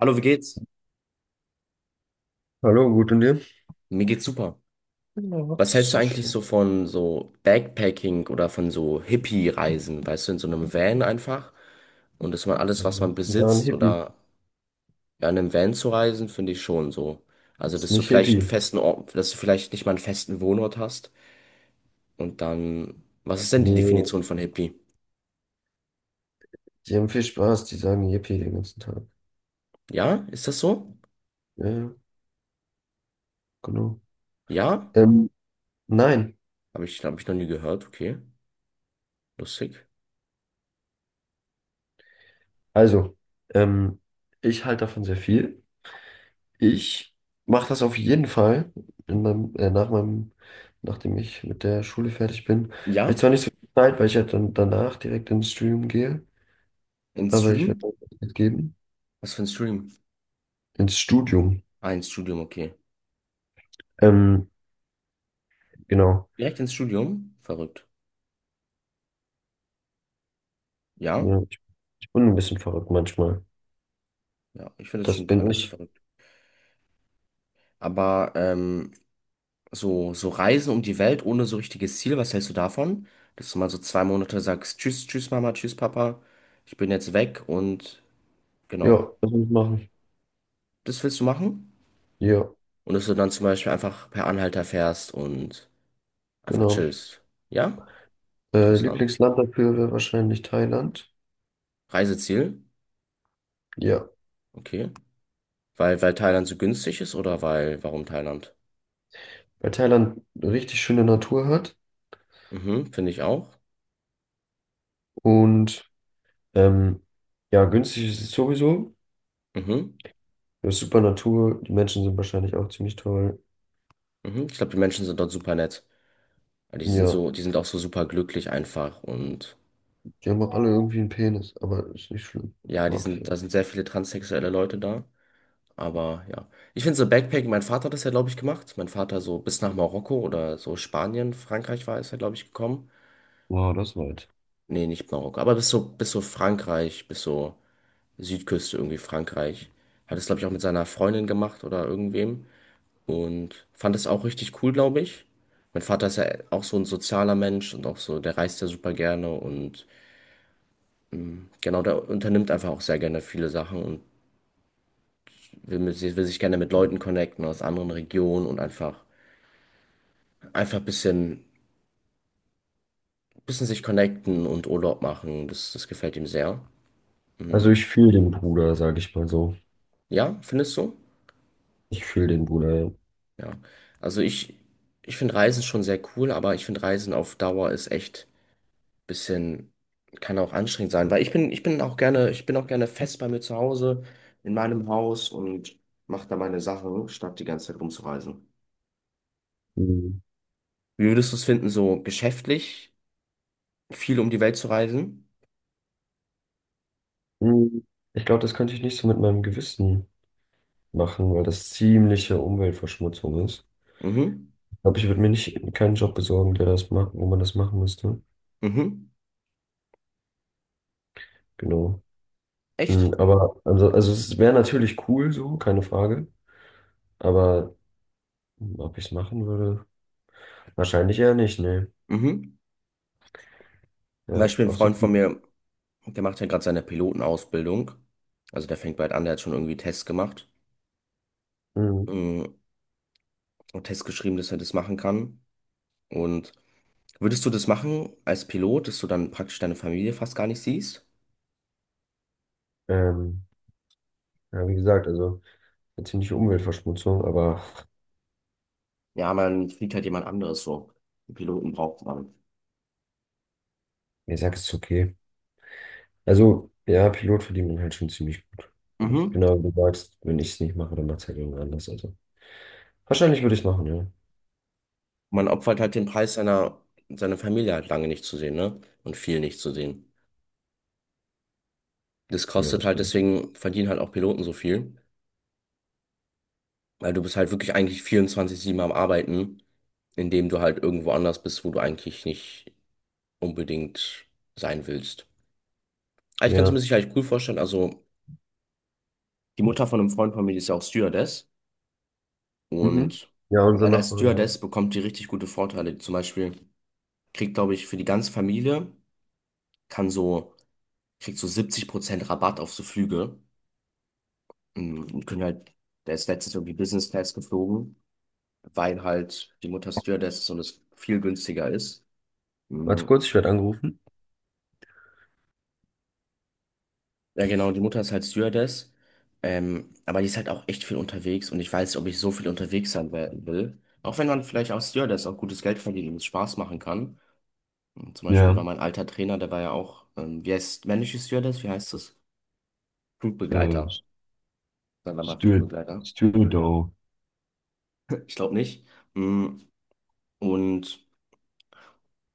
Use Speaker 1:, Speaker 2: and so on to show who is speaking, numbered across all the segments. Speaker 1: Hallo, wie geht's?
Speaker 2: Hallo, gut und dir?
Speaker 1: Mir geht's super.
Speaker 2: Ja, das
Speaker 1: Was
Speaker 2: ist
Speaker 1: hältst du
Speaker 2: so
Speaker 1: eigentlich so
Speaker 2: schön.
Speaker 1: von so Backpacking oder von so Hippie-Reisen? Weißt du, in so einem Van einfach und dass man alles, was man
Speaker 2: Ja, ein
Speaker 1: besitzt
Speaker 2: Hippie.
Speaker 1: oder ja, in einem Van zu reisen, finde ich schon so. Also,
Speaker 2: Ist
Speaker 1: dass du
Speaker 2: nicht
Speaker 1: vielleicht einen
Speaker 2: Hippie.
Speaker 1: festen Ort, dass du vielleicht nicht mal einen festen Wohnort hast und dann, was ist denn die Definition
Speaker 2: Nee,
Speaker 1: von Hippie?
Speaker 2: die haben viel Spaß, die sagen Hippie den ganzen Tag.
Speaker 1: Ja, ist das so?
Speaker 2: Ja, ja, genau.
Speaker 1: Ja?
Speaker 2: Ähm, nein,
Speaker 1: Habe ich noch nie gehört. Okay, lustig.
Speaker 2: also, ähm, ich halte davon sehr viel. Ich mache das auf jeden Fall in meinem, nach meinem, nachdem ich mit der Schule fertig bin. Vielleicht
Speaker 1: Ja?
Speaker 2: zwar nicht so viel Zeit, weil ich ja dann danach direkt ins Studium gehe,
Speaker 1: In
Speaker 2: aber ich
Speaker 1: Stream?
Speaker 2: werde auch Zeit geben.
Speaker 1: Was für ein Stream?
Speaker 2: Ins Studium.
Speaker 1: Ah, ins Studium, okay.
Speaker 2: Ähm, genau.
Speaker 1: Direkt ins Studium? Verrückt. Ja,
Speaker 2: Ja. Bin ein bisschen verrückt manchmal.
Speaker 1: ja, ich finde das
Speaker 2: Das
Speaker 1: schon
Speaker 2: bin
Speaker 1: relativ
Speaker 2: ich.
Speaker 1: verrückt. Aber so Reisen um die Welt ohne so richtiges Ziel, was hältst du davon? Dass du mal so 2 Monate sagst: Tschüss, tschüss Mama, tschüss Papa, ich bin jetzt weg. Und
Speaker 2: Ja,
Speaker 1: genau,
Speaker 2: was muss ich machen?
Speaker 1: das willst du machen?
Speaker 2: Ja,
Speaker 1: Und dass du dann zum Beispiel einfach per Anhalter fährst und einfach
Speaker 2: genau.
Speaker 1: chillst. Ja, interessant.
Speaker 2: Lieblingsland dafür wäre wahrscheinlich Thailand.
Speaker 1: Reiseziel,
Speaker 2: Ja,
Speaker 1: okay. Weil Thailand so günstig ist oder weil, warum Thailand?
Speaker 2: weil Thailand richtig schöne Natur hat
Speaker 1: Mhm, finde ich auch.
Speaker 2: und ähm, ja, günstig ist es sowieso.
Speaker 1: Mhm,
Speaker 2: Ja, super Natur. Die Menschen sind wahrscheinlich auch ziemlich toll.
Speaker 1: mhm. Ich glaube, die Menschen sind dort super nett. Ja, die sind
Speaker 2: Ja,
Speaker 1: so, die sind auch so super glücklich einfach. Und
Speaker 2: die haben auch alle irgendwie einen Penis, aber ist nicht schlimm.
Speaker 1: ja,
Speaker 2: Mag ich.
Speaker 1: da sind sehr viele transsexuelle Leute da. Aber ja, ich finde so Backpacking, mein Vater hat das ja, glaube ich, gemacht. Mein Vater so bis nach Marokko oder so Spanien, Frankreich war ist er, glaube ich, gekommen.
Speaker 2: Wow, das war weit.
Speaker 1: Nee, nicht Marokko, aber bis so Frankreich, bis so Südküste irgendwie Frankreich. Hat es, glaube ich, auch mit seiner Freundin gemacht oder irgendwem, und fand es auch richtig cool, glaube ich. Mein Vater ist ja auch so ein sozialer Mensch und auch so, der reist ja super gerne. Und genau, der unternimmt einfach auch sehr gerne viele Sachen und will sich gerne mit Leuten connecten aus anderen Regionen und einfach ein bisschen sich connecten und Urlaub machen. Das gefällt ihm sehr.
Speaker 2: Also
Speaker 1: Hm.
Speaker 2: ich fühle den Bruder, sage ich mal so.
Speaker 1: Ja, findest du?
Speaker 2: Ich fühle den Bruder, ja.
Speaker 1: Ja. Also ich finde Reisen schon sehr cool, aber ich finde Reisen auf Dauer ist echt ein bisschen, kann auch anstrengend sein, weil ich bin auch gerne fest bei mir zu Hause, in meinem Haus, und mache da meine Sachen, statt die ganze Zeit rumzureisen.
Speaker 2: Mhm.
Speaker 1: Wie würdest du es finden, so geschäftlich? Viel um die Welt zu reisen.
Speaker 2: Mhm. Ich glaube, das könnte ich nicht so mit meinem Gewissen machen, weil das ziemliche Umweltverschmutzung ist.
Speaker 1: Mhm.
Speaker 2: Ich glaube, ich würde mir nicht keinen Job besorgen, der das macht, wo man das machen müsste.
Speaker 1: Mhm.
Speaker 2: Genau.
Speaker 1: Echt?
Speaker 2: Mm. Aber also es wäre natürlich cool so, keine Frage. Aber ob ich es machen würde, wahrscheinlich eher nicht, ne.
Speaker 1: Mhm. Zum
Speaker 2: Ja,
Speaker 1: Beispiel ein
Speaker 2: auch so.
Speaker 1: Freund von mir, der macht ja gerade seine Pilotenausbildung. Also der fängt bald an, der hat schon irgendwie Tests gemacht.
Speaker 2: Mm.
Speaker 1: Mhm. Und Tests geschrieben, dass er das machen kann. Und würdest du das machen als Pilot, dass du dann praktisch deine Familie fast gar nicht siehst?
Speaker 2: Ähm, ja, wie gesagt, also eine ziemliche Umweltverschmutzung, aber
Speaker 1: Ja, man fliegt halt jemand anderes so. Die Piloten braucht man.
Speaker 2: ich sag, es ist okay. Also, ja, Pilot verdient man halt schon ziemlich gut.
Speaker 1: Mhm.
Speaker 2: Genau wie du sagst, wenn ich es nicht mache, dann macht es halt irgendwer anders. Also wahrscheinlich würde ich es machen, ja.
Speaker 1: Man opfert halt den Preis seiner Familie halt lange nicht zu sehen, ne? Und viel nicht zu sehen. Das
Speaker 2: Ja,
Speaker 1: kostet
Speaker 2: das
Speaker 1: halt,
Speaker 2: stimmt.
Speaker 1: deswegen verdienen halt auch Piloten so viel. Weil du bist halt wirklich eigentlich 24-7 am Arbeiten, indem du halt irgendwo anders bist, wo du eigentlich nicht unbedingt sein willst. Aber ich kann es mir
Speaker 2: Ja.
Speaker 1: sicherlich cool vorstellen. Also, die Mutter von einem Freund von mir, die ist ja auch Stewardess.
Speaker 2: Mhm.
Speaker 1: Und
Speaker 2: Ja, unsere
Speaker 1: allein als
Speaker 2: Nachbarin auch.
Speaker 1: Stewardess bekommt die richtig gute Vorteile. Zum Beispiel kriegt, glaube ich, für die ganze Familie, kann so, kriegt so 70% Rabatt auf so Flüge. Und können halt, der ist letztens irgendwie Business Class geflogen, weil halt die Mutter Stewardess ist und es viel günstiger ist.
Speaker 2: Warte
Speaker 1: Mhm.
Speaker 2: kurz, ich werde angerufen.
Speaker 1: Ja, genau, die Mutter ist halt Stewardess, aber die ist halt auch echt viel unterwegs, und ich weiß nicht, ob ich so viel unterwegs sein werden will. Auch wenn man vielleicht als Stewardess auch gutes Geld verdient und es Spaß machen kann. Und zum Beispiel war
Speaker 2: Ja,
Speaker 1: mein alter Trainer, der war ja auch, wie heißt männliche Stewardess? Wie heißt das?
Speaker 2: äh,
Speaker 1: Flugbegleiter. Sagen wir mal
Speaker 2: Steward,
Speaker 1: Flugbegleiter.
Speaker 2: Stewardo.
Speaker 1: Ich glaube nicht. Mhm. Und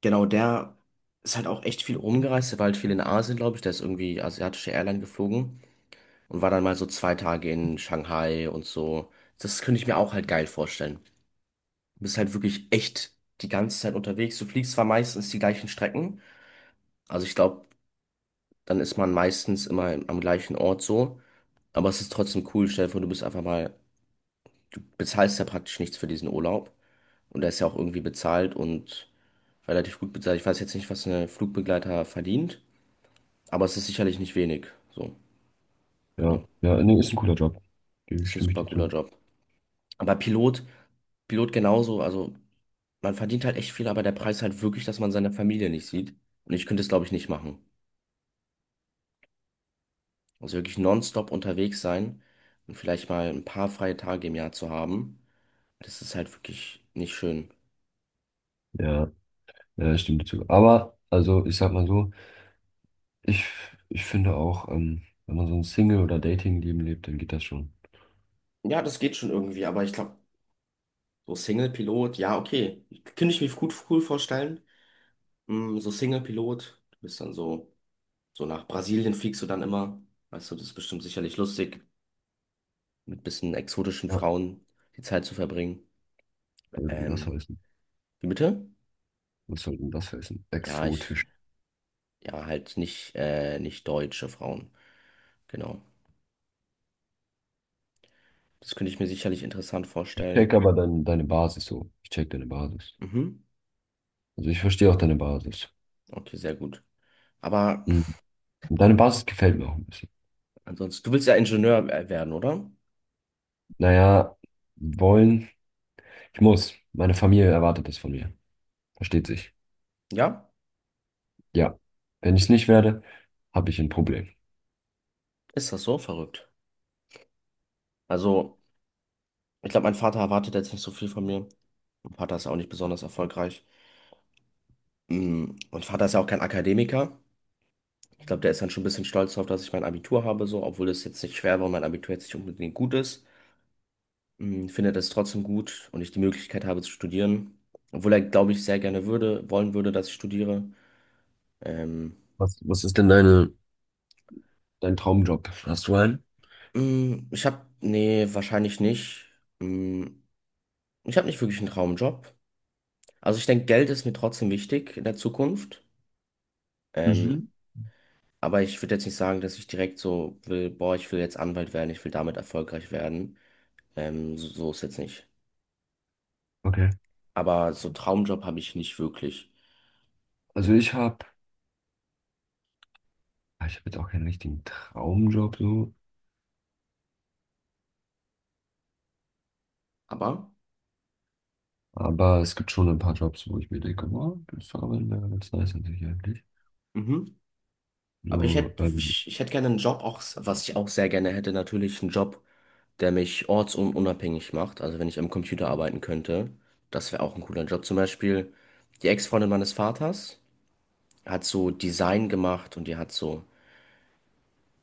Speaker 1: genau, der ist halt auch echt viel rumgereist. Der war halt viel in Asien, glaube ich. Der ist irgendwie asiatische Airline geflogen und war dann mal so 2 Tage in Shanghai und so. Das könnte ich mir auch halt geil vorstellen. Du bist halt wirklich echt die ganze Zeit unterwegs. Du fliegst zwar meistens die gleichen Strecken, also ich glaube, dann ist man meistens immer am gleichen Ort so, aber es ist trotzdem cool. Stell dir vor, du bist einfach mal, du bezahlst ja praktisch nichts für diesen Urlaub, und der ist ja auch irgendwie bezahlt und relativ gut bezahlt. Ich weiß jetzt nicht, was ein Flugbegleiter verdient, aber es ist sicherlich nicht wenig. So,
Speaker 2: Ja,
Speaker 1: genau.
Speaker 2: ja, nee, ist ein cooler Job. Gebe ich-
Speaker 1: Ist ein
Speaker 2: Stimme ich
Speaker 1: super
Speaker 2: dir
Speaker 1: cooler
Speaker 2: zu.
Speaker 1: Job. Aber Pilot, Pilot genauso, also man verdient halt echt viel, aber der Preis halt wirklich, dass man seine Familie nicht sieht. Und ich könnte es, glaube ich, nicht machen. Also wirklich nonstop unterwegs sein und vielleicht mal ein paar freie Tage im Jahr zu haben, das ist halt wirklich nicht schön.
Speaker 2: Ja, ja, ich stimme dir zu. Aber, also, ich sag mal so, ich, ich finde auch, wenn man so ein Single- oder Dating-Leben lebt, dann geht das schon.
Speaker 1: Ja, das geht schon irgendwie, aber ich glaube, so Single-Pilot, ja, okay. Könnte ich mir gut cool vorstellen. So Single-Pilot, du bist dann so, nach Brasilien fliegst du dann immer. Weißt du, das ist bestimmt sicherlich lustig, mit bisschen exotischen
Speaker 2: Ja.
Speaker 1: Frauen die Zeit zu verbringen.
Speaker 2: Was soll denn das
Speaker 1: Ähm,
Speaker 2: heißen?
Speaker 1: Wie bitte?
Speaker 2: Was soll denn das heißen?
Speaker 1: Ja, ich.
Speaker 2: Exotisch.
Speaker 1: Ja, halt nicht, nicht deutsche Frauen. Genau. Das könnte ich mir sicherlich interessant
Speaker 2: Ich
Speaker 1: vorstellen.
Speaker 2: check aber deine Basis so. Ich check deine Basis.
Speaker 1: Mhm.
Speaker 2: Also, ich verstehe auch deine Basis.
Speaker 1: Okay, sehr gut. Aber
Speaker 2: Mhm. Und deine Basis gefällt mir auch ein bisschen.
Speaker 1: ansonsten, du willst ja Ingenieur werden, oder?
Speaker 2: Naja, wollen. Ich muss. Meine Familie erwartet das von mir. Versteht sich.
Speaker 1: Ja?
Speaker 2: Ja. Wenn ich es nicht werde, habe ich ein Problem.
Speaker 1: Ist das so verrückt? Also, ich glaube, mein Vater erwartet jetzt nicht so viel von mir. Mein Vater ist ja auch nicht besonders erfolgreich. Mein Vater ist ja auch kein Akademiker. Ich glaube, der ist dann schon ein bisschen stolz darauf, dass ich mein Abitur habe, so, obwohl es jetzt nicht schwer war und mein Abitur jetzt nicht unbedingt gut ist. Findet es trotzdem gut, und ich die Möglichkeit habe zu studieren. Obwohl er, glaube ich, sehr gerne würde, wollen würde, dass ich studiere. Ähm,
Speaker 2: Was ist denn deine, dein Traumjob? Hast du einen?
Speaker 1: Ich habe, nee, wahrscheinlich nicht. Mh, Ich habe nicht wirklich einen Traumjob. Also ich denke, Geld ist mir trotzdem wichtig in der Zukunft. Ähm,
Speaker 2: Mhm.
Speaker 1: aber ich würde jetzt nicht sagen, dass ich direkt so will, boah, ich will jetzt Anwalt werden, ich will damit erfolgreich werden. So ist jetzt nicht.
Speaker 2: Okay.
Speaker 1: Aber so einen Traumjob habe ich nicht wirklich.
Speaker 2: Also ich habe jetzt auch keinen richtigen Traumjob so,
Speaker 1: Aber.
Speaker 2: aber es gibt schon ein paar Jobs, wo ich mir denke, wow, das Arbeiten wäre ganz nice an sich eigentlich.
Speaker 1: Mhm. Aber ich
Speaker 2: So,
Speaker 1: hätte, ich, ich hätte gerne einen Job, auch, was ich auch sehr gerne hätte, natürlich einen Job, der mich ortsunabhängig macht. Also wenn ich am Computer arbeiten könnte, das wäre auch ein cooler Job. Zum Beispiel die Ex-Freundin meines Vaters hat so Design gemacht, und die hat so,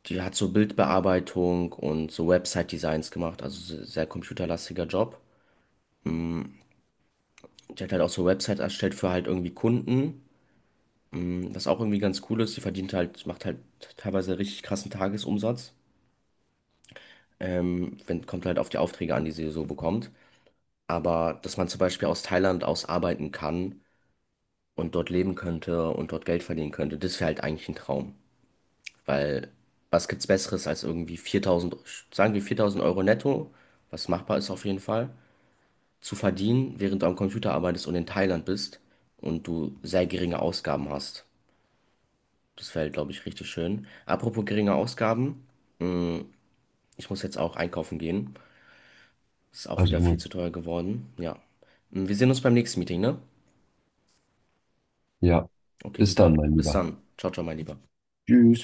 Speaker 1: die hat so Bildbearbeitung und so Website-Designs gemacht, also sehr computerlastiger Job. Die hat halt auch so Websites erstellt für halt irgendwie Kunden, was auch irgendwie ganz cool ist. Die verdient halt, macht halt teilweise richtig krassen Tagesumsatz. Wenn, Kommt halt auf die Aufträge an, die sie so bekommt. Aber dass man zum Beispiel aus Thailand aus arbeiten kann und dort leben könnte und dort Geld verdienen könnte, das wäre halt eigentlich ein Traum. Weil was gibt's Besseres als irgendwie 4.000, sagen wir 4.000 Euro netto, was machbar ist auf jeden Fall, zu verdienen, während du am Computer arbeitest und in Thailand bist und du sehr geringe Ausgaben hast. Das wäre, glaube ich, richtig schön. Apropos geringe Ausgaben, ich muss jetzt auch einkaufen gehen. Ist auch
Speaker 2: also
Speaker 1: wieder viel
Speaker 2: du,
Speaker 1: zu teuer geworden. Ja. Wir sehen uns beim nächsten Meeting, ne?
Speaker 2: ja.
Speaker 1: Okay,
Speaker 2: Bis
Speaker 1: super.
Speaker 2: dann, mein
Speaker 1: Bis
Speaker 2: Lieber.
Speaker 1: dann. Ciao, ciao, mein Lieber.
Speaker 2: Tschüss.